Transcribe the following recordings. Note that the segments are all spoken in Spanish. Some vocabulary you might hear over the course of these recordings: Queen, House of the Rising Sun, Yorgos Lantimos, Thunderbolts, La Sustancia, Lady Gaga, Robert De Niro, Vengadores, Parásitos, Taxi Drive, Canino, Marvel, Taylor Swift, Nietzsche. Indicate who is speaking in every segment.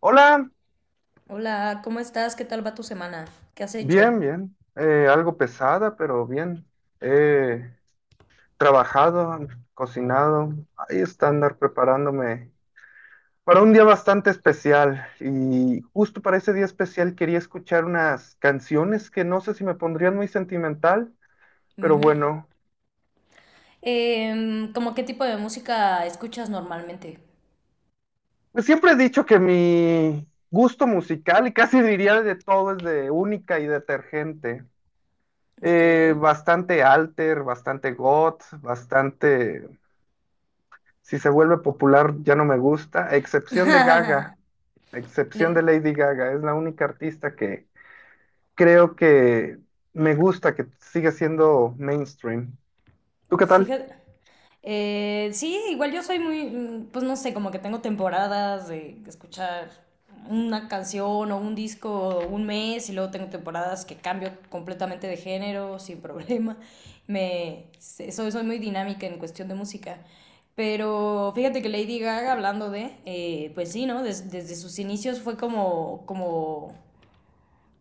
Speaker 1: Hola,
Speaker 2: Hola, ¿cómo estás? ¿Qué tal va tu semana? ¿Qué has hecho?
Speaker 1: bien, bien. Algo pesada, pero bien. He trabajado, cocinado, ahí está andar preparándome para un día bastante especial. Y justo para ese día especial quería escuchar unas canciones que no sé si me pondrían muy sentimental, pero bueno,
Speaker 2: ¿Cómo qué tipo de música escuchas normalmente?
Speaker 1: pues siempre he dicho que mi gusto musical, y casi diría de todo, es de única y detergente,
Speaker 2: Ok.
Speaker 1: bastante alter, bastante goth, bastante. Si se vuelve popular, ya no me gusta, a excepción de Gaga, a excepción de
Speaker 2: Le-
Speaker 1: Lady Gaga, es la única artista que creo que me gusta, que sigue siendo mainstream. ¿Tú qué tal?
Speaker 2: Fíjate. Sí, igual yo soy muy, pues no sé, como que tengo temporadas de escuchar una canción o un disco un mes y luego tengo temporadas que cambio completamente de género sin problema. Soy muy dinámica en cuestión de música. Pero fíjate que Lady Gaga, hablando de, pues sí, ¿no? Desde sus inicios fue como,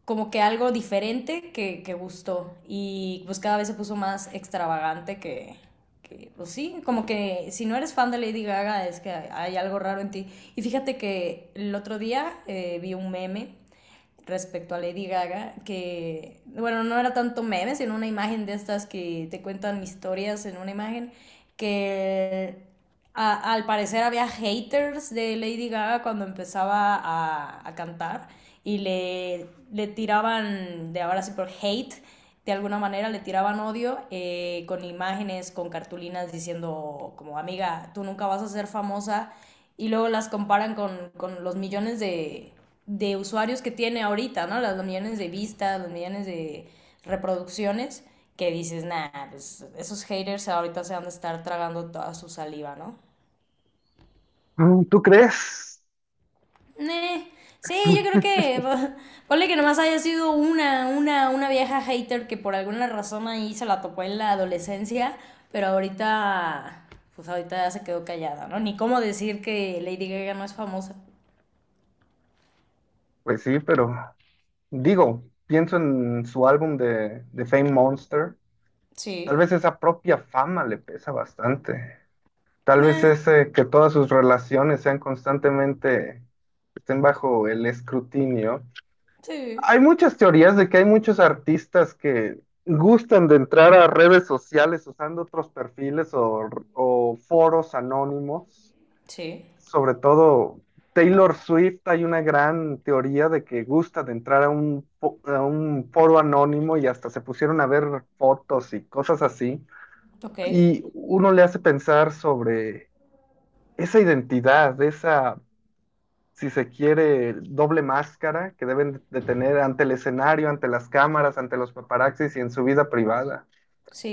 Speaker 2: como que algo diferente que gustó y pues cada vez se puso más extravagante que, pues sí, como que si no eres fan de Lady Gaga es que hay algo raro en ti. Y fíjate que el otro día vi un meme respecto a Lady Gaga, que, bueno, no era tanto meme, sino una imagen de estas que te cuentan historias en una imagen, que al parecer había haters de Lady Gaga cuando empezaba a cantar y le tiraban, de ahora sí por hate, de alguna manera le tiraban odio con imágenes, con cartulinas diciendo como amiga, tú nunca vas a ser famosa y luego las comparan con los millones de usuarios que tiene ahorita, ¿no? Los millones de vistas, los millones de reproducciones, que dices, nah, pues esos haters ahorita se van a estar tragando toda su saliva, ¿no?
Speaker 1: Mm, ¿tú crees?
Speaker 2: Eh, sí, yo creo que ponle que nomás haya sido una vieja hater que por alguna razón ahí se la topó en la adolescencia, pero ahorita, pues ahorita ya se quedó callada, ¿no? Ni cómo decir que Lady Gaga no es famosa.
Speaker 1: Pues sí, pero digo, pienso en su álbum de Fame Monster. Tal
Speaker 2: Sí.
Speaker 1: vez esa propia fama le pesa bastante. Tal vez
Speaker 2: Nah.
Speaker 1: ese que todas sus relaciones sean constantemente, estén bajo el escrutinio.
Speaker 2: Sí,
Speaker 1: Hay muchas teorías de que hay muchos artistas que gustan de entrar a redes sociales usando otros perfiles o foros anónimos.
Speaker 2: sí,
Speaker 1: Sobre todo Taylor Swift, hay una gran teoría de que gusta de entrar a un, a un foro anónimo y hasta se pusieron a ver fotos y cosas así.
Speaker 2: ok,
Speaker 1: Y uno le hace pensar sobre esa identidad, esa, si se quiere, doble máscara que deben de tener ante el escenario, ante las cámaras, ante los paparazzis y en su vida privada.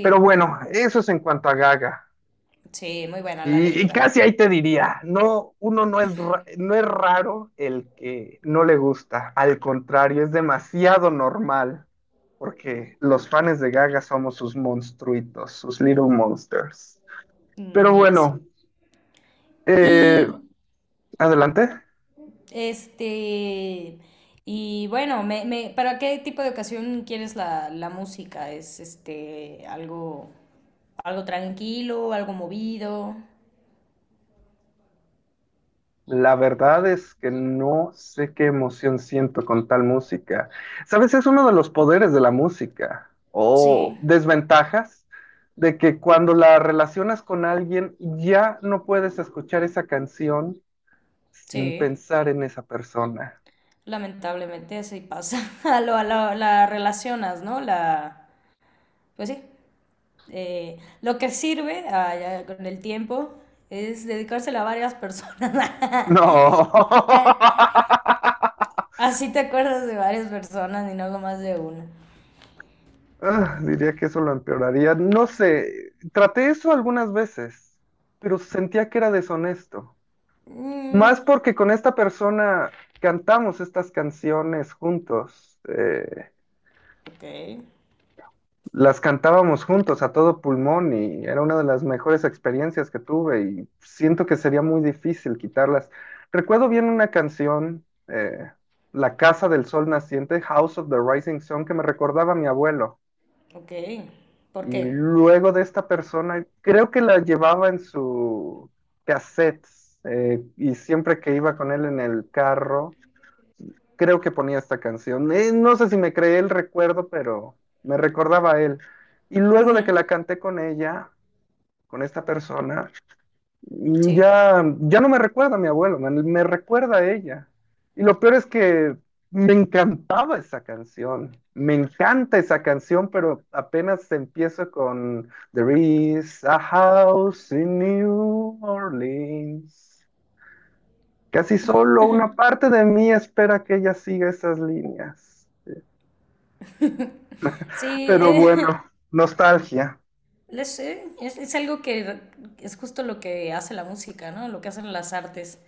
Speaker 1: Pero bueno, eso es en cuanto a Gaga.
Speaker 2: sí, muy buena la Lady
Speaker 1: Y
Speaker 2: Gaga.
Speaker 1: casi ahí te diría, no, uno no es, no es raro el que no le gusta, al contrario, es demasiado normal, porque los fans de Gaga somos sus monstruitos, sus little monsters. Pero
Speaker 2: Mm, y así.
Speaker 1: bueno, eh,
Speaker 2: Y
Speaker 1: adelante.
Speaker 2: este, y bueno, ¿para qué tipo de ocasión quieres la música? ¿Es este algo, algo tranquilo, algo movido?
Speaker 1: La verdad es que no sé qué emoción siento con tal música. ¿Sabes? Es uno de los poderes de la música
Speaker 2: Sí,
Speaker 1: o desventajas de que cuando la relacionas con alguien ya no puedes escuchar esa canción sin
Speaker 2: sí,
Speaker 1: pensar en esa persona.
Speaker 2: lamentablemente así pasa. La relacionas, ¿no? La, pues sí. Lo que sirve ah, ya con el tiempo es dedicárselo a varias personas.
Speaker 1: No.
Speaker 2: Ah, así te acuerdas de varias personas y no algo más de una.
Speaker 1: Ah, diría que eso lo empeoraría. No sé, traté eso algunas veces, pero sentía que era deshonesto. Más
Speaker 2: Mm,
Speaker 1: porque con esta persona cantamos estas canciones juntos,
Speaker 2: ok,
Speaker 1: las cantábamos juntos a todo pulmón y era una de las mejores experiencias que tuve y siento que sería muy difícil quitarlas. Recuerdo bien una canción, La Casa del Sol Naciente, House of the Rising Sun, que me recordaba a mi abuelo.
Speaker 2: ok.
Speaker 1: Y
Speaker 2: ¿Por qué?
Speaker 1: luego de esta persona, creo que la llevaba en su cassette, y siempre que iba con él en el carro creo que ponía esta canción. No sé si me creé el recuerdo, pero me recordaba a él. Y luego
Speaker 2: Ujú,
Speaker 1: de que la canté con ella, con esta persona, mm,
Speaker 2: sí.
Speaker 1: ya no me recuerda a mi abuelo, me recuerda a ella. Y lo peor es que me encantaba esa canción. Me encanta esa canción, pero apenas empiezo con There is a house in New Orleans. Casi solo una parte de mí espera que ella siga esas líneas.
Speaker 2: Sí,
Speaker 1: Pero bueno, nostalgia,
Speaker 2: es algo que es justo lo que hace la música, ¿no? Lo que hacen las artes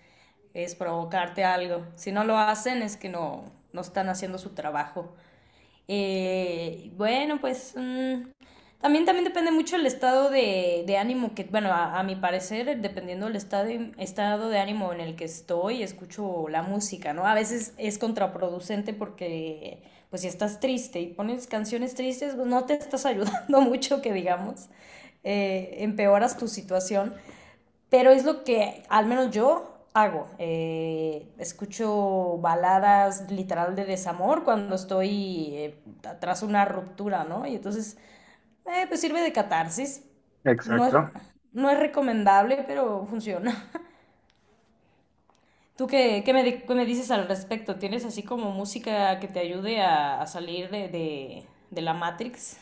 Speaker 2: es provocarte algo. Si no lo hacen es que no, no están haciendo su trabajo. Bueno, pues también, también depende mucho el estado de ánimo que, bueno, a mi parecer, dependiendo del estado de ánimo en el que estoy, escucho la música, ¿no? A veces es contraproducente porque, pues si estás triste y pones canciones tristes, pues no te estás ayudando mucho, que digamos, empeoras tu situación. Pero es lo que al menos yo hago. Escucho baladas literal de desamor cuando estoy tras una ruptura, ¿no? Y entonces, pues sirve de catarsis. No es,
Speaker 1: exacto.
Speaker 2: no es recomendable, pero funciona. ¿Tú qué, qué me dices al respecto? ¿Tienes así como música que te ayude a salir de la Matrix?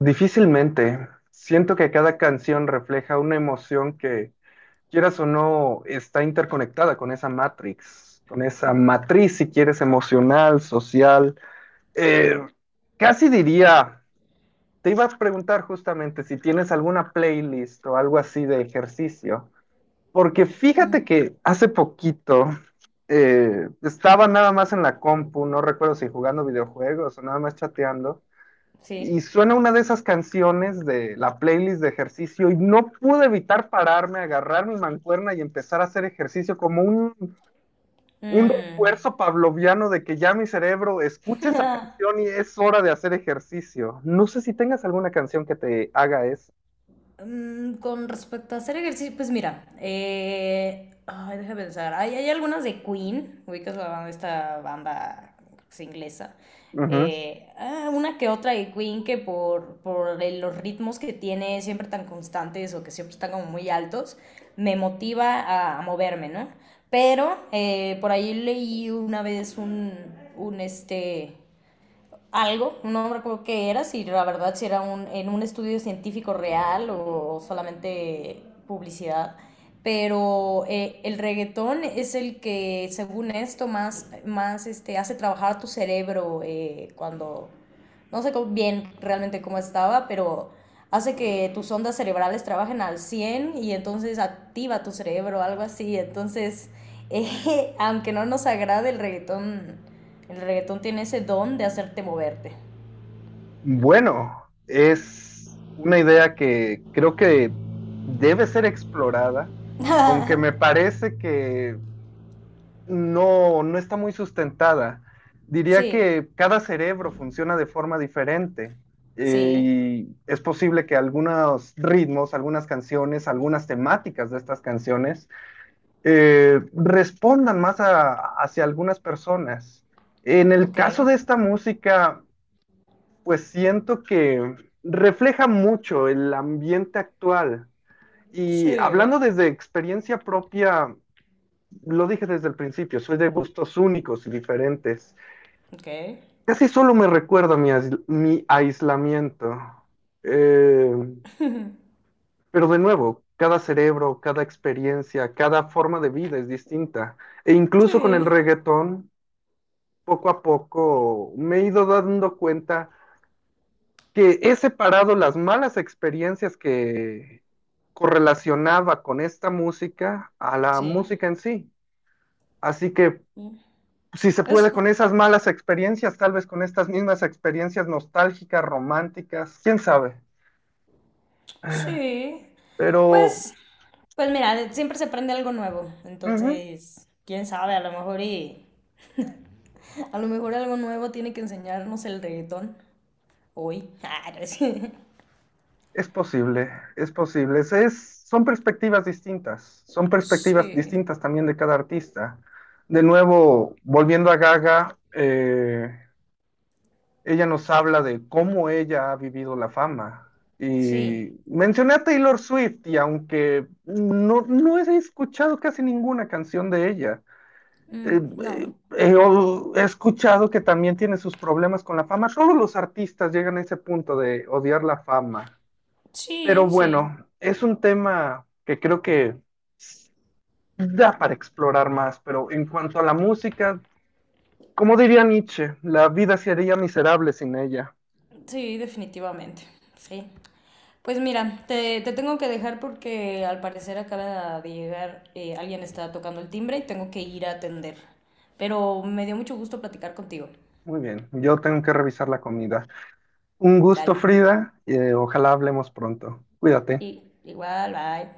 Speaker 1: Difícilmente. Siento que cada canción refleja una emoción que, quieras o no, está interconectada con esa matrix, con esa matriz, si quieres, emocional, social. Eh, Casi diría, te iba a preguntar justamente si tienes alguna playlist o algo así de ejercicio, porque fíjate que hace poquito estaba nada más en la compu, no recuerdo si jugando videojuegos o nada más chateando.
Speaker 2: Sí.
Speaker 1: Y suena una de esas canciones de la playlist de ejercicio y no pude evitar pararme, agarrar mi mancuerna y empezar a hacer ejercicio como un
Speaker 2: Mm.
Speaker 1: refuerzo pavloviano de que ya mi cerebro escucha esa canción y es hora de hacer ejercicio. No sé si tengas alguna canción que te haga eso.
Speaker 2: Mm, con respecto a hacer ejercicio, pues mira, ay, déjame pensar, hay algunas de Queen, ubicas la banda, esta banda que es inglesa,
Speaker 1: Ujú.
Speaker 2: ah, una que otra de Queen que por, los ritmos que tiene siempre tan constantes o que siempre están como muy altos, me motiva a moverme, ¿no? Pero por ahí leí una vez un este algo, no recuerdo qué era, si la verdad si era un, en un estudio científico real o solamente publicidad, pero el reggaetón es el que, según esto, más, más este, hace trabajar tu cerebro cuando, no sé cómo- bien realmente cómo estaba, pero hace que tus ondas cerebrales trabajen al 100 y entonces activa tu cerebro, algo así, entonces, aunque no nos agrade el reggaetón tiene ese don de hacerte moverte.
Speaker 1: Bueno, es una idea que creo que debe ser explorada, aunque me parece que no, no está muy sustentada. Diría
Speaker 2: Sí,
Speaker 1: que cada cerebro funciona de forma diferente,
Speaker 2: sí,
Speaker 1: y es posible que algunos ritmos, algunas canciones, algunas temáticas de estas canciones respondan más hacia algunas personas. En el
Speaker 2: ok,
Speaker 1: caso de esta música, pues siento que refleja mucho el ambiente actual.
Speaker 2: sí,
Speaker 1: Y hablando desde experiencia propia, lo dije desde el principio, soy de gustos únicos y diferentes.
Speaker 2: ok,
Speaker 1: Casi solo me recuerda mi, mi aislamiento. Eh, pero de nuevo, cada cerebro, cada experiencia, cada forma de vida es distinta. E incluso con el
Speaker 2: sí,
Speaker 1: reggaetón, poco a poco me he ido dando cuenta que he separado las malas experiencias que correlacionaba con esta música a la
Speaker 2: sí,
Speaker 1: música en sí. Así que
Speaker 2: mm,
Speaker 1: si se puede, con
Speaker 2: eso,
Speaker 1: esas malas experiencias, tal vez con estas mismas experiencias nostálgicas, románticas, quién sabe.
Speaker 2: sí.
Speaker 1: Pero uh
Speaker 2: Pues, pues mira, de- siempre se aprende algo nuevo,
Speaker 1: -huh,
Speaker 2: entonces, quién sabe, a lo mejor y... A lo mejor algo nuevo tiene que enseñarnos el reggaetón hoy. Ah, no es-
Speaker 1: es posible, es posible. Es, son perspectivas
Speaker 2: Sí,
Speaker 1: distintas también de cada artista. De nuevo, volviendo a Gaga, ella nos habla de cómo ella ha vivido la fama.
Speaker 2: sí,
Speaker 1: Y mencioné a Taylor Swift y aunque no, no he escuchado casi ninguna canción de ella,
Speaker 2: mm, no.
Speaker 1: he escuchado que también tiene sus problemas con la fama. Solo los artistas llegan a ese punto de odiar la fama. Pero
Speaker 2: Sí, sí,
Speaker 1: bueno, es un tema que creo que da para explorar más. Pero en cuanto a la música, como diría Nietzsche, la vida sería miserable sin ella.
Speaker 2: sí, definitivamente, sí. Pues mira, te tengo que dejar porque al parecer acaba de llegar, alguien está tocando el timbre y tengo que ir a atender. Pero me dio mucho gusto platicar contigo.
Speaker 1: Muy bien, yo tengo que revisar la comida. Un gusto,
Speaker 2: Dale.
Speaker 1: Frida, y ojalá hablemos pronto. Cuídate.
Speaker 2: Y igual, bye.